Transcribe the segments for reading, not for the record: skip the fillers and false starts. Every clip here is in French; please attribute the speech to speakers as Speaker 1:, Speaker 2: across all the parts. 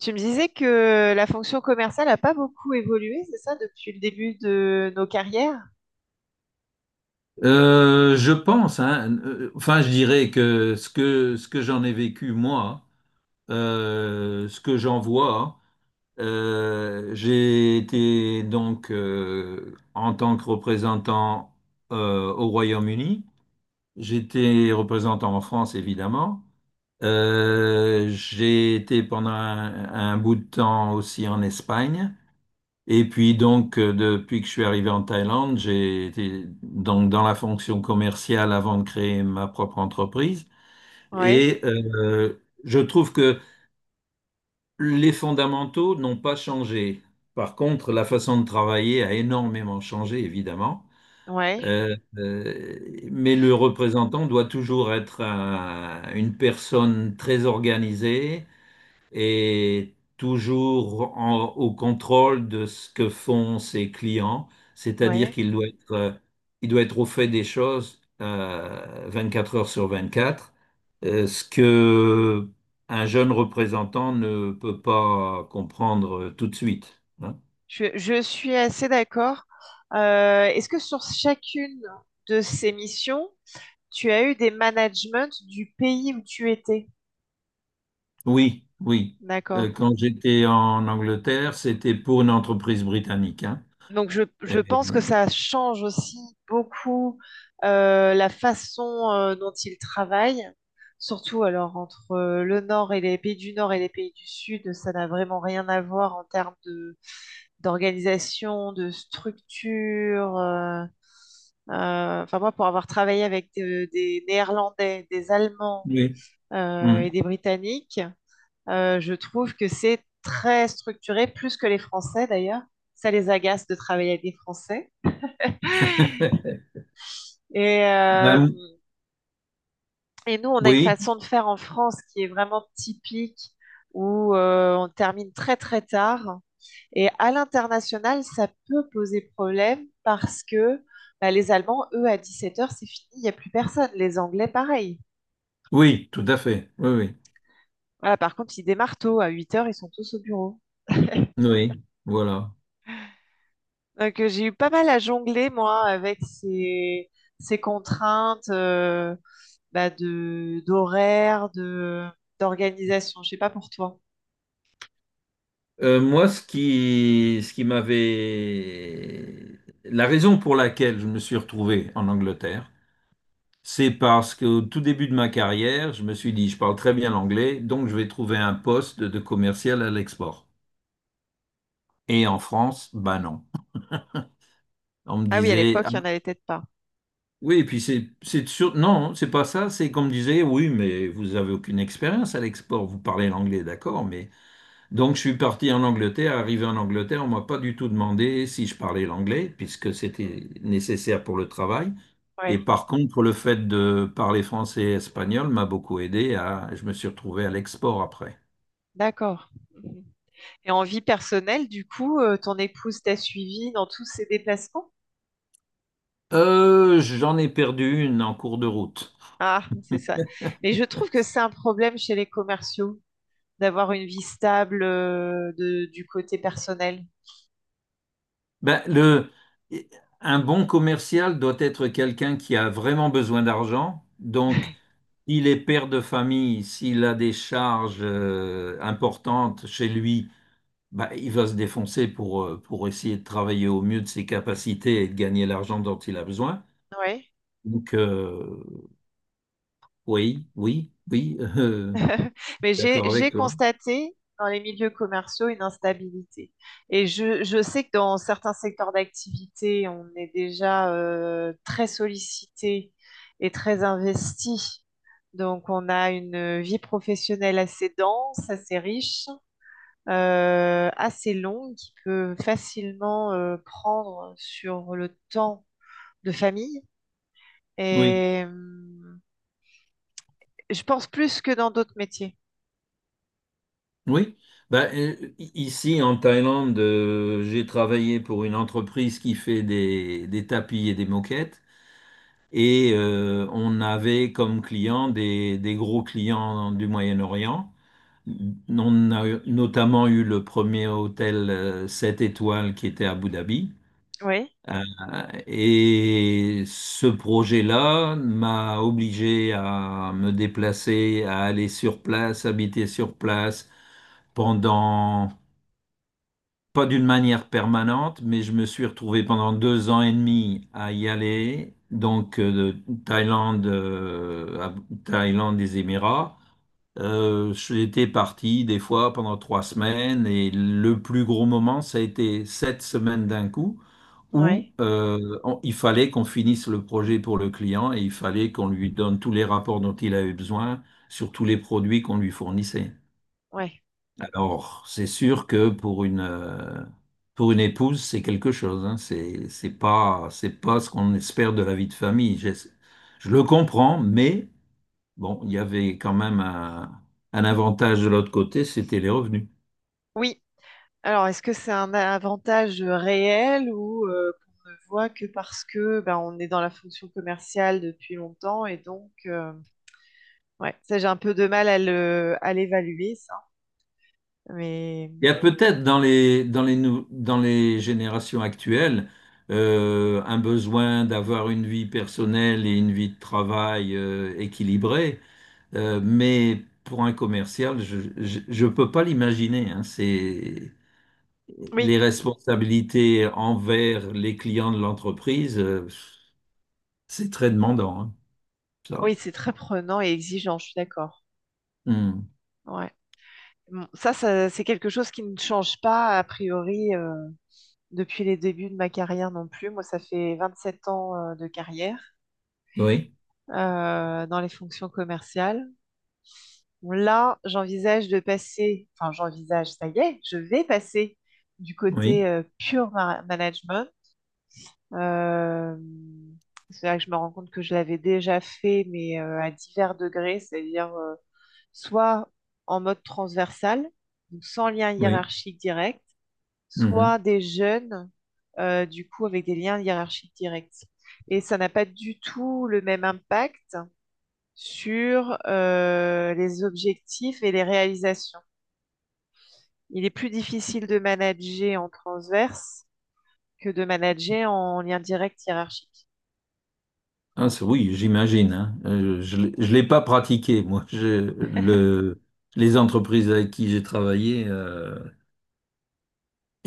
Speaker 1: Tu me disais que la fonction commerciale n'a pas beaucoup évolué, c'est ça, depuis le début de nos carrières?
Speaker 2: Je pense, hein, enfin, je dirais que ce que j'en ai vécu moi, ce que j'en vois, j'ai été donc en tant que représentant au Royaume-Uni, j'étais représentant en France évidemment. J'ai été pendant un bout de temps aussi en Espagne. Et puis donc, depuis que je suis arrivé en Thaïlande, j'ai été donc dans la fonction commerciale avant de créer ma propre entreprise.
Speaker 1: Oui,
Speaker 2: Et je trouve que les fondamentaux n'ont pas changé. Par contre, la façon de travailler a énormément changé, évidemment.
Speaker 1: oui,
Speaker 2: Euh, euh, mais le représentant doit toujours être une personne très organisée, et toujours au contrôle de ce que font ses clients, c'est-à-dire
Speaker 1: oui.
Speaker 2: qu'il doit être, il doit être au fait des choses 24 heures sur 24, ce que un jeune représentant ne peut pas comprendre tout de suite, hein.
Speaker 1: Je suis assez d'accord. Est-ce que sur chacune de ces missions, tu as eu des managements du pays où tu étais?
Speaker 2: Oui, oui.
Speaker 1: D'accord.
Speaker 2: Quand j'étais en Angleterre, c'était pour une entreprise britannique, hein.
Speaker 1: Donc
Speaker 2: Et-
Speaker 1: je pense que ça change aussi beaucoup la façon dont ils travaillent, surtout alors entre le Nord et les pays du Nord et les pays du Sud, ça n'a vraiment rien à voir en termes de d'organisation, de structure. Enfin moi, pour avoir travaillé avec des Néerlandais, des Allemands
Speaker 2: oui. Hmm.
Speaker 1: et des Britanniques, je trouve que c'est très structuré, plus que les Français d'ailleurs. Ça les agace de travailler avec des Français. Et, euh,
Speaker 2: Ben,
Speaker 1: et nous, on a une
Speaker 2: oui,
Speaker 1: façon de faire en France qui est vraiment typique, où on termine très très tard. Et à l'international, ça peut poser problème parce que bah, les Allemands, eux, à 17 heures, c'est fini, il n'y a plus personne. Les Anglais, pareil.
Speaker 2: oui, tout à fait. Oui, oui.
Speaker 1: Voilà, par contre, ils démarrent tôt, à 8 heures, ils sont tous au bureau.
Speaker 2: Oui, voilà.
Speaker 1: Donc j'ai eu pas mal à jongler, moi, avec ces, ces contraintes bah, de, d'horaire, de, d'organisation. Je sais pas pour toi.
Speaker 2: Moi, ce qui m'avait... La raison pour laquelle je me suis retrouvé en Angleterre, c'est parce qu'au tout début de ma carrière, je me suis dit, je parle très bien l'anglais, donc je vais trouver un poste de commercial à l'export. Et en France, bah non. On me
Speaker 1: Ah oui, à
Speaker 2: disait,
Speaker 1: l'époque,
Speaker 2: ah,
Speaker 1: il n'y en avait peut-être pas.
Speaker 2: oui, et puis c'est sûr, non, c'est pas ça, c'est qu'on me disait, oui, mais vous avez aucune expérience à l'export, vous parlez l'anglais, d'accord, mais... Donc, je suis parti en Angleterre. Arrivé en Angleterre, on m'a pas du tout demandé si je parlais l'anglais, puisque c'était nécessaire pour le travail. Et
Speaker 1: Oui,
Speaker 2: par contre, le fait de parler français et espagnol m'a beaucoup aidé à, je me suis retrouvé à l'export après.
Speaker 1: d'accord. Mhm. Et en vie personnelle, du coup, ton épouse t'a suivi dans tous ses déplacements?
Speaker 2: J'en ai perdu une en cours de route.
Speaker 1: Ah, c'est ça. Mais je trouve que c'est un problème chez les commerciaux d'avoir une vie stable du côté personnel.
Speaker 2: Ben, un bon commercial doit être quelqu'un qui a vraiment besoin d'argent. Donc, s'il est père de famille, s'il a des charges importantes chez lui, bah, il va se défoncer pour essayer de travailler au mieux de ses capacités et de gagner l'argent dont il a besoin.
Speaker 1: Oui.
Speaker 2: Donc, oui, oui, oui,
Speaker 1: Mais
Speaker 2: d'accord
Speaker 1: j'ai
Speaker 2: avec toi.
Speaker 1: constaté dans les milieux commerciaux une instabilité. Et je sais que dans certains secteurs d'activité, on est déjà très sollicité et très investi. Donc, on a une vie professionnelle assez dense, assez riche, assez longue, qui peut facilement prendre sur le temps de famille.
Speaker 2: Oui,
Speaker 1: Et je pense plus que dans d'autres métiers.
Speaker 2: oui. Bah, ici, en Thaïlande, j'ai travaillé pour une entreprise qui fait des tapis et des moquettes. Et on avait comme clients des gros clients du Moyen-Orient. On a notamment eu le premier hôtel 7 étoiles qui était à Abu Dhabi.
Speaker 1: Oui,
Speaker 2: Euh, et ce projet-là m'a obligé à me déplacer, à aller sur place, habiter sur place pendant, pas d'une manière permanente, mais je me suis retrouvé pendant 2 ans et demi à y aller, donc de Thaïlande, à Thaïlande des Émirats. J'étais parti des fois pendant 3 semaines et le plus gros moment, ça a été 7 semaines d'un coup où
Speaker 1: oui,
Speaker 2: il fallait qu'on finisse le projet pour le client et il fallait qu'on lui donne tous les rapports dont il avait besoin sur tous les produits qu'on lui fournissait.
Speaker 1: oui.
Speaker 2: Alors, c'est sûr que pour une épouse, c'est quelque chose, hein. C'est pas ce qu'on espère de la vie de famille. Je le comprends, mais bon, il y avait quand même un avantage de l'autre côté, c'était les revenus.
Speaker 1: Oui. Alors, est-ce que c'est un avantage réel ou qu'on ne voit que parce que ben, on est dans la fonction commerciale depuis longtemps et donc, ouais, ça j'ai un peu de mal à le, à l'évaluer, ça. Mais
Speaker 2: Il y a peut-être dans les générations actuelles un besoin d'avoir une vie personnelle et une vie de travail équilibrée, mais pour un commercial, je ne peux pas l'imaginer, hein. C'est
Speaker 1: oui,
Speaker 2: les responsabilités envers les clients de l'entreprise, c'est très demandant, hein, ça.
Speaker 1: oui, c'est très prenant et exigeant, je suis d'accord.
Speaker 2: Hmm.
Speaker 1: Ouais. Bon, ça, c'est quelque chose qui ne change pas, a priori, depuis les débuts de ma carrière non plus. Moi, ça fait 27 ans, de carrière,
Speaker 2: Oui,
Speaker 1: dans les fonctions commerciales. Bon, là, j'envisage de passer, enfin, j'envisage, ça y est, je vais passer du côté,
Speaker 2: oui,
Speaker 1: management. Euh, c'est là que je me rends compte que je l'avais déjà fait, mais à divers degrés, c'est-à-dire soit en mode transversal, donc sans lien
Speaker 2: oui.
Speaker 1: hiérarchique direct, soit
Speaker 2: Mhm.
Speaker 1: des jeunes, du coup, avec des liens hiérarchiques directs. Et ça n'a pas du tout le même impact sur les objectifs et les réalisations. Il est plus difficile de manager en transverse que de manager en lien direct hiérarchique.
Speaker 2: Ah, oui, j'imagine, hein. Je l'ai pas pratiqué, moi. Les entreprises avec qui j'ai travaillé, euh,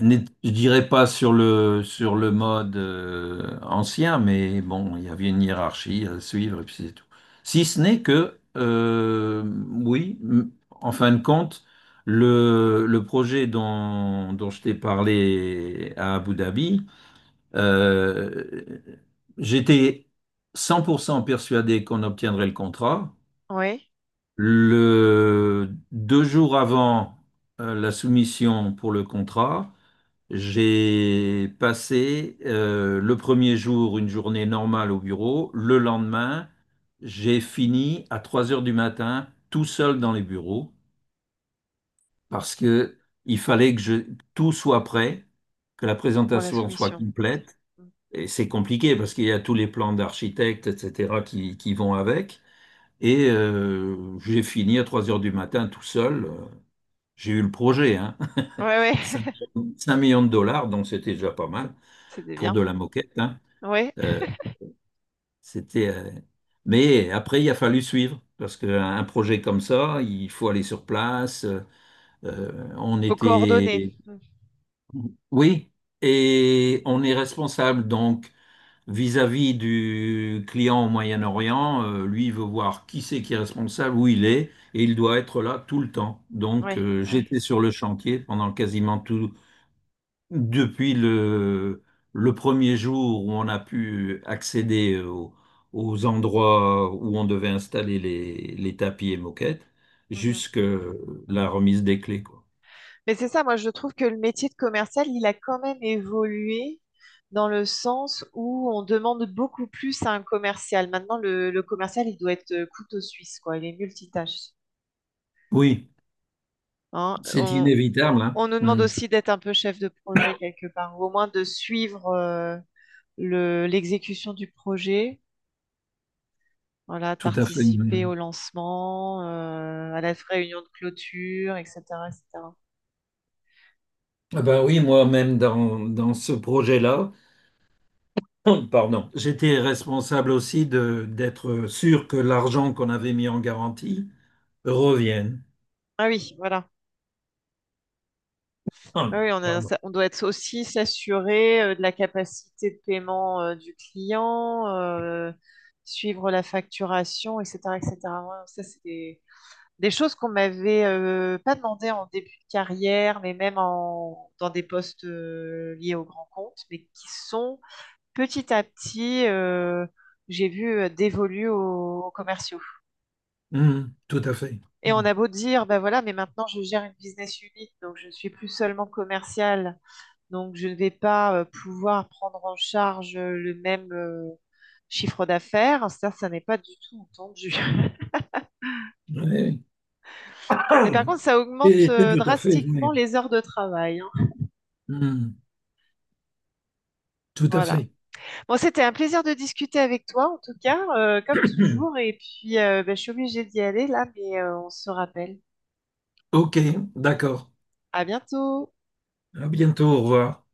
Speaker 2: n'est- je dirais pas sur sur le mode ancien, mais bon, il y avait une hiérarchie à suivre et puis c'est tout. Si ce n'est que, oui, en fin de compte, le projet dont je t'ai parlé à Abu Dhabi, euh, j'étais 100% persuadé qu'on obtiendrait le contrat.
Speaker 1: Oui,
Speaker 2: Deux jours avant la soumission pour le contrat, j'ai passé le premier jour une journée normale au bureau. Le lendemain, j'ai fini à 3 heures du matin tout seul dans les bureaux parce que il fallait que je- tout soit prêt, que la
Speaker 1: pour la
Speaker 2: présentation soit
Speaker 1: soumission.
Speaker 2: complète.
Speaker 1: Oui,
Speaker 2: Et c'est compliqué parce qu'il y a tous les plans d'architectes, etc., qui vont avec. Et j'ai fini à 3 heures du matin tout seul. J'ai eu le projet, hein.
Speaker 1: oui,
Speaker 2: 5 millions de dollars, donc c'était déjà pas mal
Speaker 1: c'était
Speaker 2: pour
Speaker 1: bien.
Speaker 2: de la moquette, hein.
Speaker 1: Oui,
Speaker 2: Euh,
Speaker 1: il
Speaker 2: c'était, euh, Mais après, il a fallu suivre parce qu'un projet comme ça, il faut aller sur place. On
Speaker 1: faut coordonner.
Speaker 2: était. Oui, et on est responsable. Donc, vis-à-vis du client au Moyen-Orient, lui, il veut voir qui c'est qui est responsable, où il est, et il doit être là tout le temps. Donc,
Speaker 1: Oui, oui.
Speaker 2: j'étais sur le chantier pendant quasiment tout, depuis le premier jour où on a pu accéder aux endroits où on devait installer les tapis et moquettes,
Speaker 1: Mm-hmm.
Speaker 2: jusqu'à la remise des clés, quoi.
Speaker 1: Mais c'est ça, moi je trouve que le métier de commercial, il a quand même évolué dans le sens où on demande beaucoup plus à un commercial. Maintenant, le commercial, il doit être couteau suisse, quoi. Il est multitâche,
Speaker 2: Oui,
Speaker 1: hein.
Speaker 2: c'est inévitable, hein.
Speaker 1: On nous demande
Speaker 2: Mm.
Speaker 1: aussi d'être un peu chef de projet quelque part, ou au moins de suivre le, l'exécution du projet. Voilà, de
Speaker 2: Tout à fait.
Speaker 1: participer au
Speaker 2: Mm.
Speaker 1: lancement, à la réunion de clôture, etc., etc.
Speaker 2: Ah ben oui, moi-même, dans ce projet-là, Pardon. J'étais responsable aussi de d'être sûr que l'argent qu'on avait mis en garantie revienne.
Speaker 1: Ah oui, voilà. Ah oui,
Speaker 2: Pardon.
Speaker 1: on doit être aussi s'assurer de la capacité de paiement du client, suivre la facturation, etc., etc. Ouais, ça, c'est des choses qu'on m'avait pas demandé en début de carrière, mais même en, dans des postes liés aux grands comptes, mais qui sont petit à petit, j'ai vu, dévolues aux, aux commerciaux.
Speaker 2: Tout à fait.
Speaker 1: Et on a
Speaker 2: Hum.
Speaker 1: beau dire, bah voilà, mais maintenant je gère une business unit, donc je ne suis plus seulement commercial donc, je ne vais pas pouvoir prendre en charge le même chiffre d'affaires. Ça n'est pas du tout entendu.
Speaker 2: Oui.
Speaker 1: Mais par contre, ça augmente
Speaker 2: Et tout à fait,
Speaker 1: drastiquement
Speaker 2: oui.
Speaker 1: les heures de travail, hein.
Speaker 2: Hum, tout à
Speaker 1: Voilà.
Speaker 2: fait.
Speaker 1: Bon, c'était un plaisir de discuter avec toi, en tout cas, comme toujours. Et puis, ben, je suis obligée d'y aller là, mais on se rappelle.
Speaker 2: OK, d'accord.
Speaker 1: À bientôt.
Speaker 2: À bientôt, au revoir.